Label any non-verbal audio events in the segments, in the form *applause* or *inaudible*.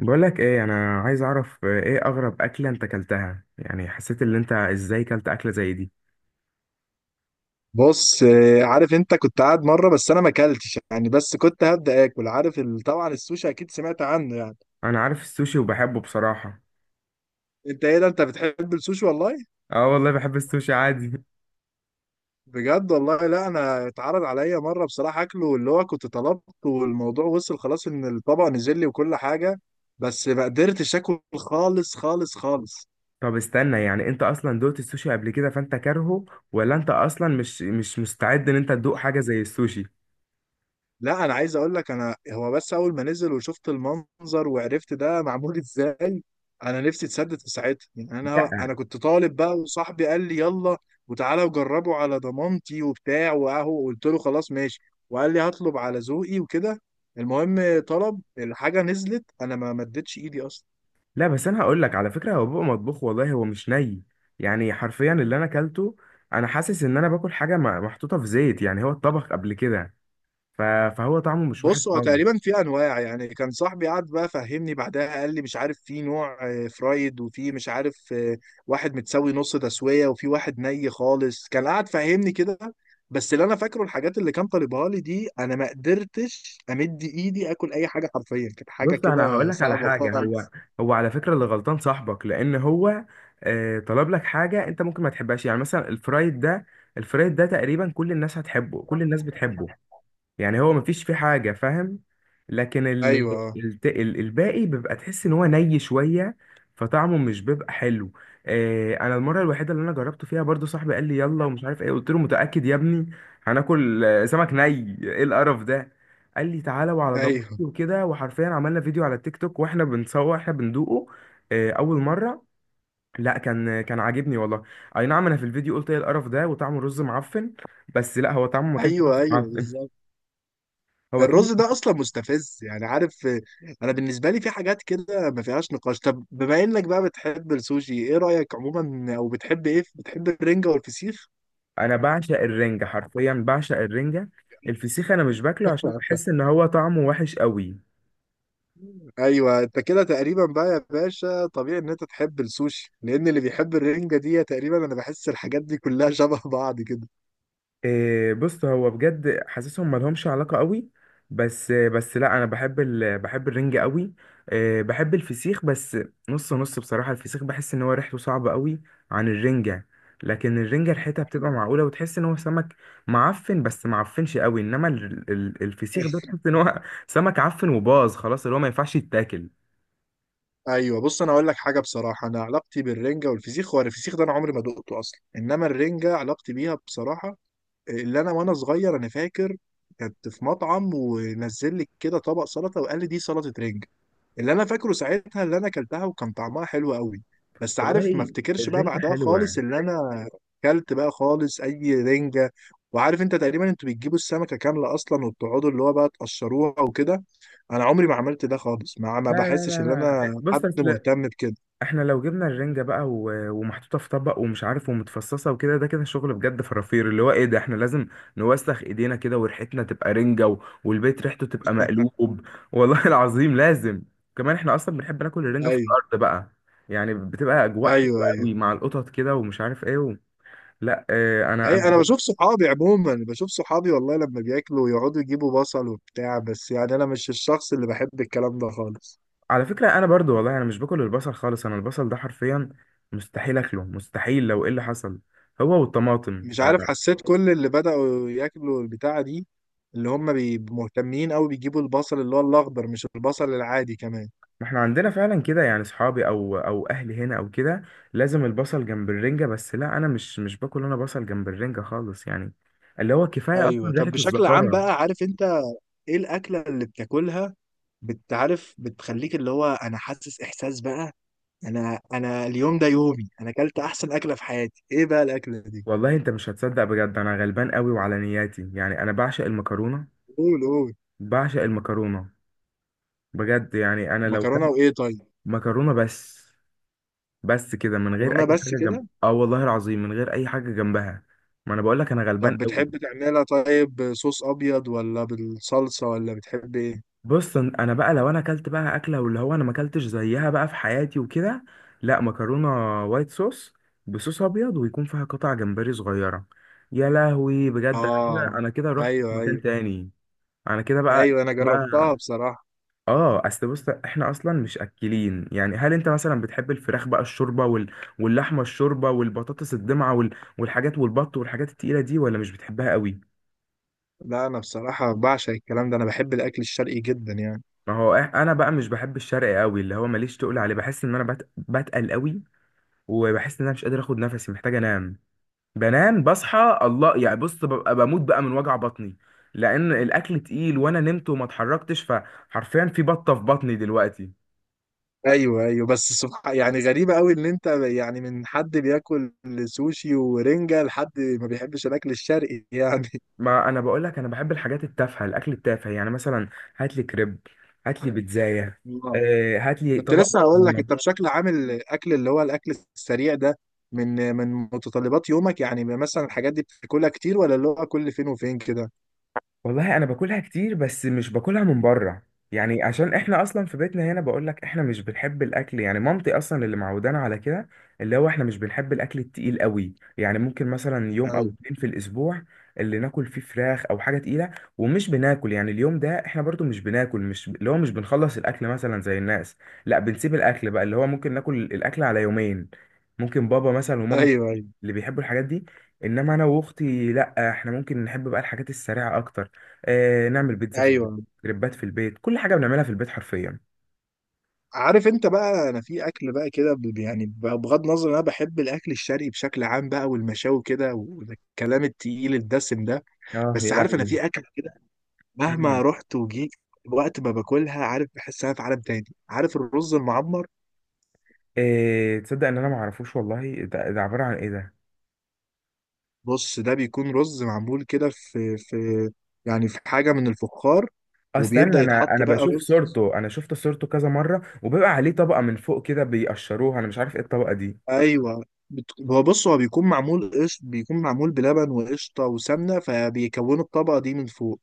بقولك ايه، انا عايز اعرف ايه اغرب اكلة انت اكلتها؟ يعني حسيت ان انت ازاي كلت اكلة زي دي؟ بص، عارف، انت كنت قاعد مره. بس انا ما اكلتش، بس كنت هبدا اكل. عارف طبعا السوشي اكيد سمعت عنه يعني. انا عارف السوشي وبحبه بصراحة. انت ايه ده، انت بتحب السوشي والله؟ اه والله بحب السوشي عادي *laughs* بجد والله؟ لا انا اتعرض عليا مره بصراحه اكله اللي هو كنت طلبته، والموضوع وصل خلاص ان الطبق نزل لي وكل حاجه. بس ما قدرتش اكل خالص خالص خالص. طب استنى، يعني انت اصلا دوقت السوشي قبل كده فانت كارهه؟ ولا انت اصلا مش مستعد ان انت تدوق حاجة زي السوشي؟ لا انا عايز اقول لك، انا هو بس اول ما نزل وشفت المنظر وعرفت ده معمول *laughs* ازاي، انا نفسي اتسدد في ساعتها. يعني انا لا، انا كنت طالب بقى، وصاحبي قال لي يلا وتعالى وجربه على ضمانتي وبتاع، واهو قلت له خلاص ماشي. وقال لي هطلب على ذوقي وكده. المهم طلب الحاجه، نزلت، انا ما مدتش ايدي اصلا. لا، بس انا هقولك على فكرة، هو بيبقى مطبوخ والله، هو مش ني. يعني حرفيا اللي انا اكلته، انا حاسس ان انا باكل حاجة محطوطة في زيت، يعني هو اتطبخ قبل كده. ف- فهو طعمه مش وحش بص، هو خالص. تقريبا في انواع. يعني كان صاحبي قعد بقى فهمني بعدها، قال لي مش عارف في نوع فرايد، وفي مش عارف واحد متسوي نص تسويه، وفي واحد ني خالص. كان قعد فهمني كده. بس اللي انا فاكره الحاجات اللي كان طالبها لي دي انا ما قدرتش امد ايدي اكل اي حاجه. حرفيا كانت حاجه بص انا هقول كده لك على صعبه حاجه. هو خالص. هو على فكره اللي غلطان صاحبك، لان هو طلب لك حاجه انت ممكن ما تحبهاش. يعني مثلا الفرايد ده، الفرايد ده تقريبا كل الناس هتحبه، كل الناس بتحبه. يعني هو مفيش فيه حاجة، فاهم؟ لكن ايوه، الباقي بيبقى تحس ان هو ني شوية، فطعمه مش بيبقى حلو. آه، انا المرة الوحيدة اللي انا جربته فيها برضو صاحبي قال لي يلا ومش عارف ايه، قلت له متأكد يا ابني هناكل سمك ني؟ ايه القرف ده؟ قال لي تعالى وعلى ايوه ضمانتي وكده. وحرفيا عملنا فيديو على التيك توك واحنا بنصور احنا بندوقه. آه، اول مرة. لا، كان عاجبني والله. اي نعم، انا في الفيديو قلت ايه القرف ده وطعمه رز معفن. بس لا، هو طعمه ما كانش ايوه رز ايوه، معفن. بالظبط. *laughs* هو كان. الرز ده اصلا مستفز. يعني عارف؟ انا بالنسبه لي في حاجات كده ما فيهاش نقاش. طب، بما انك بقى بتحب السوشي، ايه رايك عموما، او بتحب ايه؟ بتحب الرنجه والفسيخ؟ انا بعشق الرنجة، حرفيا بعشق الرنجة. الفسيخ انا مش باكله عشان بحس *laughs* ان هو طعمه وحش قوي. ايوه، انت كده تقريبا بقى يا باشا طبيعي ان انت تحب السوشي، لان اللي بيحب الرنجه دي تقريبا انا بحس الحاجات دي كلها *laughs* شبه بعض كده. إيه، بص هو بجد حاسسهم ملهمش علاقة قوي. بس لا، انا بحب بحب الرنجة قوي. إيه، بحب الفسيخ بس. نص نص بصراحة، الفسيخ بحس ان هو ريحته صعبة قوي عن الرنجة. لكن الرنجة ريحتها بتبقى أيوة. معقولة، وتحس ان هو سمك معفن بس معفنش قوي. انما الفسيخ ده تحس ان هو *laughs* سمك عفن وباظ خلاص، اللي هو ما ينفعش يتاكل. ايوه، بص انا اقول لك حاجه بصراحه. انا علاقتي بالرنجه والفسيخ، هو الفسيخ ده انا عمري ما دقته اصلا. انما الرنجه علاقتي بيها بصراحه، اللي انا وانا صغير، انا فاكر كنت في مطعم، ونزل لي كده طبق سلطه وقال لي دي سلطه رنج. اللي انا فاكره ساعتها اللي انا اكلتها وكان طعمها حلو قوي. بس عارف، ما والله افتكرش بقى الرنجة بعدها خالص حلوة. اللي انا اكلت بقى خالص اي رنجه. وعارف انت تقريبا انتوا بتجيبوا السمكه كامله اصلا، وبتقعدوا اللي هو بقى تقشروها وكده. انا عمري ما عملت ده خالص. ما لا، لا، بحسش لا، ان لا، انا بص حد اصل، مهتم بكده. احنا لو جبنا الرنجة بقى ومحطوطة في طبق ومش عارف، ومتفصصة وكده، ده كده شغل بجد فرافير. اللي هو ايه ده؟ احنا لازم نوسخ ايدينا كده وريحتنا تبقى رنجة والبيت ريحته تبقى مقلوب. والله *laughs* العظيم لازم. كمان احنا اصلا بنحب ناكل الرنجة في ايوه الارض بقى، يعني بتبقى اجواء حلوة ايوه ايوه. قوي مع القطط كده ومش عارف ايه لا، اه، انا اي، انا انا بشوف صحابي عموما. بشوف صحابي والله لما بياكلوا يقعدوا يجيبوا بصل وبتاع. بس يعني انا مش الشخص اللي بحب الكلام ده خالص. على فكرة انا برضو والله انا مش باكل البصل خالص. انا البصل ده حرفيا مستحيل اكله، مستحيل لو ايه اللي حصل، هو والطماطم. مش عارف، حسيت كل اللي بدأوا ياكلوا البتاعة دي اللي هم مهتمين قوي بيجيبوا البصل اللي هو الاخضر، مش البصل العادي كمان. ما احنا عندنا فعلا كده، يعني صحابي او اهلي هنا او كده لازم البصل جنب الرنجة. بس لا، انا مش باكل انا بصل جنب الرنجة خالص، يعني اللي هو كفاية اصلا ايوه. طب، ريحة بشكل عام الزفارة. بقى، عارف انت، ايه الاكلة اللي بتاكلها بتعرف بتخليك اللي هو انا حاسس احساس بقى انا انا اليوم ده يومي انا اكلت احسن اكلة في حياتي؟ ايه بقى الاكلة دي؟ والله انت مش هتصدق، بجد انا غلبان قوي وعلى نياتي، يعني انا بعشق المكرونة، قول، قول. بعشق المكرونة. بجد، يعني انا لو مكرونة كان، وايه؟ طيب. مكرونة بس. بس كده، من غير مكرونه اي بس حاجة جنب، كده؟ اه والله العظيم من غير اي حاجة جنبها. ما انا بقول لك انا غلبان طب قوي. بتحب تعملها طيب صوص ابيض ولا بالصلصه، ولا بتحب ايه؟ بص، انا بقى لو انا اكلت بقى اكله واللي هو انا ما اكلتش زيها بقى في حياتي وكده، لا، مكرونه وايت صوص، بصوص ابيض ويكون فيها قطع جمبري صغيره. يا لهوي، بجد انا كده، اه، انا كده رحت ايوه في ايوه مكان تاني. انا كده بقى، ايوه، انا بقى. جربتها بصراحه. اه، اصل بص احنا اصلا مش اكلين، يعني هل انت مثلا بتحب الفراخ بقى الشوربه واللحمه، الشوربه والبطاطس الدمعه والحاجات، والبط، والحاجات التقيله دي، ولا مش بتحبها قوي؟ لا انا بصراحه بعشق الكلام ده. انا بحب الاكل الشرقي جدا يعني. ما هو انا بقى مش بحب الشرق قوي، اللي هو ماليش، تقول عليه بحس ان انا بتقل قوي. وبحس ان انا مش قادر اخد نفسي، محتاج انام. بنام بصحى الله، يعني بص ببقى بموت بقى من وجع بطني، لان الاكل تقيل وانا نمت وما اتحركتش، فحرفيا في بطه في بطني دلوقتي. ايوه ايوه، بس سبحان، يعني غريبه قوي ان انت، يعني من حد بياكل سوشي ورنجه، لحد ما بيحبش الاكل الشرقي يعني. ما انا بقول لك، انا بحب الحاجات التافهه، الاكل التافه، يعني مثلا هات لي كريب، هات لي بيتزايه، *laughs* هات لي كنت طبق. لسه هقول لك، انت بشكل عام الاكل اللي هو الاكل السريع ده من من متطلبات يومك؟ يعني مثلا الحاجات دي بتاكلها كتير، ولا اللي هو كل فين وفين كده؟ والله انا باكلها كتير بس مش باكلها من بره، يعني عشان احنا اصلا في بيتنا هنا، بقولك احنا مش بنحب الاكل، يعني مامتي اصلا اللي معودانا على كده. اللي هو احنا مش بنحب الاكل التقيل قوي، يعني ممكن مثلا يوم او ايوه. اتنين في الاسبوع اللي ناكل فيه فراخ او حاجه تقيله. ومش بناكل، يعني اليوم ده احنا برضو مش بناكل، مش اللي هو مش بنخلص الاكل مثلا زي الناس. لا، بنسيب الاكل بقى، اللي هو ممكن ناكل الاكل على يومين. ممكن بابا مثلا وماما ايوه ايوه اللي بيحبوا الحاجات دي، انما انا واختي لا، احنا ممكن نحب بقى الحاجات السريعه اكتر. آه، نعمل بيتزا في البيت، ايوه. كريبات في البيت، كل حاجه بنعملها في البيت حرفيا. عارف انت بقى، انا في اكل بقى كده، يعني بغض النظر انا بحب الاكل الشرقي بشكل عام بقى، والمشاوي كده، والكلام التقيل الدسم ده. اه بس يا عارف، انا لهوي. في اكل كده مهما مم. رحت وجيت وقت ما باكلها، عارف بحس انا في عالم تاني. عارف الرز المعمر؟ إيه، تصدق ان انا ما اعرفوش والله؟ ده عباره عن ايه ده؟ بص، ده بيكون رز معمول كده في يعني في حاجة من الفخار، وبيبدأ استنى، انا يتحط انا بقى بشوف رز. صورته، انا شفت صورته كذا مره وبيبقى عليه طبقه من فوق كده بيقشروها، انا مش عارف ايه الطبقه دي. ايوه. هو بص، هو بيكون معمول قش، بيكون معمول بلبن وقشطة وسمنة، فبيكونوا الطبقة دي من فوق.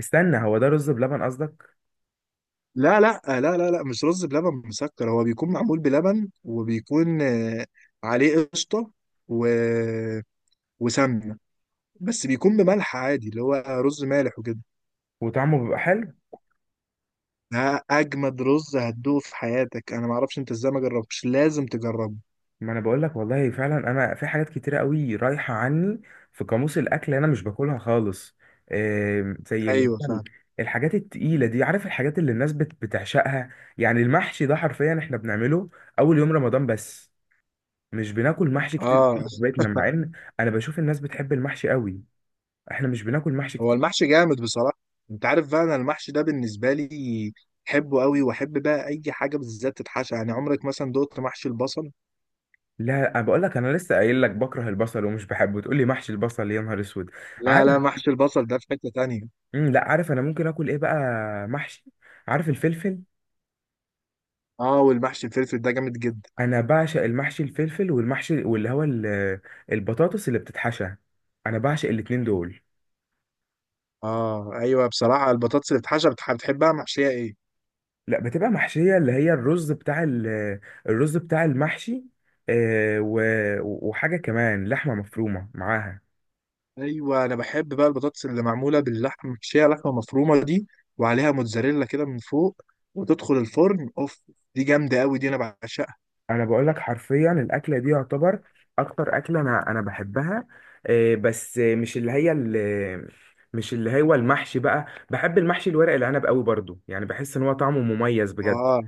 استنى، هو ده رز بلبن قصدك؟ لا لا لا لا لا، مش رز بلبن مسكر. هو بيكون معمول بلبن، وبيكون عليه قشطة، و... وسمنة. بس بيكون بملح عادي، اللي هو رز مالح وكده. وطعمه بيبقى حلو. ده أجمد رز هتدوقه في حياتك. أنا معرفش أنت إزاي ما جربتش، لازم تجربه. ما انا بقول لك والله فعلا انا في حاجات كتيره قوي رايحه عني في قاموس الاكل، انا مش باكلها خالص. زي اللي ايوه، هو فاهم. الحاجات التقيله دي. عارف الحاجات اللي الناس بتعشقها؟ يعني المحشي ده حرفيا احنا بنعمله اول يوم رمضان بس، مش بناكل محشي كتير في اه. بيتنا، مع ان انا بشوف الناس بتحب المحشي قوي، احنا مش بناكل محشي هو كتير. المحشي جامد بصراحه. انت عارف بقى، انا المحشي ده بالنسبه لي بحبه قوي، واحب بقى اي حاجه بالذات تتحشى. يعني عمرك مثلا دقت محشي البصل؟ لا، انا بقول لك، انا لسه قايل لك بكره البصل ومش بحبه، تقول لي محشي البصل؟ يا نهار اسود. لا لا، عارف. محشي البصل ده في حته تانية. لا، عارف انا ممكن اكل ايه بقى؟ محشي. عارف الفلفل؟ اه، والمحشي الفلفل ده جامد جدا. انا بعشق المحشي الفلفل، والمحشي واللي هو البطاطس اللي بتتحشى، انا بعشق الاتنين دول. اه ايوه، بصراحه البطاطس اللي بتتحشى، بتحبها محشيه ايه؟ لا، بتبقى محشية اللي هي الرز بتاع الرز بتاع المحشي، وحاجة كمان لحمة مفرومة معاها. ايوه، انا بحب بقى البطاطس اللي معموله باللحمه، محشيه لحمه مفرومه دي، وعليها موتزاريلا كده من فوق، وتدخل الفرن اوف. دي جامده قوي. دي انا بعشقها. انا بقول لك حرفيا الاكلة دي يعتبر اكتر اكلة انا بحبها، بس مش اللي هي مش اللي هو المحشي بقى. بحب المحشي الورق العنب قوي برضو، يعني بحس ان هو طعمه مميز بجد. اه،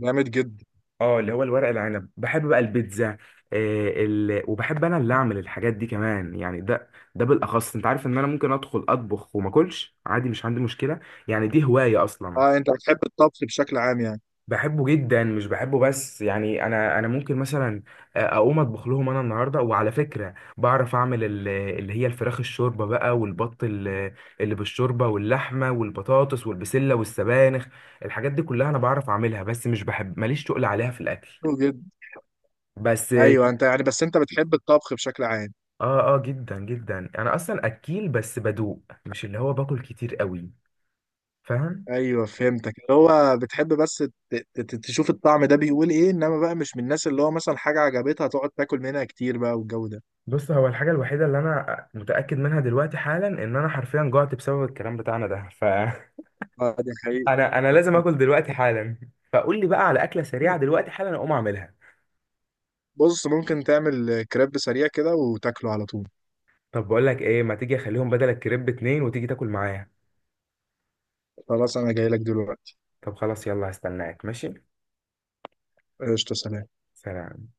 جامد جدا. اه، اللي هو الورق العنب. بحب بقى البيتزا، وبحب انا اللي اعمل الحاجات دي كمان، يعني ده بالاخص انت عارف ان انا ممكن ادخل اطبخ وما اكلش عادي، مش عندي مشكله، يعني دي هوايه اصلا. اه، انت بتحب الطبخ بشكل عام يعني؟ بحبه جدا، مش بحبه بس، يعني انا ممكن مثلا اقوم اطبخ لهم انا النهارده. وعلى فكره بعرف اعمل اللي هي الفراخ الشوربه بقى، والبط اللي بالشوربه، واللحمه والبطاطس والبسله والسبانخ. الحاجات دي كلها انا بعرف اعملها، بس مش بحب ماليش تقل عليها في الاكل، حلو جدا. بس. ايوه، انت يعني، بس انت بتحب الطبخ بشكل عام. اه، اه، جدا جدا، انا اصلا اكيل بس بدوق، مش اللي هو باكل كتير قوي، فاهم؟ ايوه، فهمتك. اللي هو بتحب بس تشوف الطعم ده بيقول ايه، انما بقى مش من الناس اللي هو مثلا حاجه عجبتها تقعد تاكل منها كتير بقى والجو ده. بص، هو الحاجه الوحيده اللي انا متاكد منها دلوقتي حالا ان انا حرفيا جوعت بسبب الكلام بتاعنا ده، ف *laughs* اه، دي حقيقة. انا لازم اكل دلوقتي حالا. فقول لي بقى على اكله سريعه *laughs* دلوقتي حالا اقوم اعملها. بص، ممكن تعمل كريب سريع كده وتاكله على طول. طب بقول لك ايه، ما تيجي اخليهم بدل الكريب اتنين وتيجي تاكل معايا. خلاص، انا جاي لك دلوقتي. طب خلاص يلا، هستناك، ماشي. قشطة، سلام. سلام.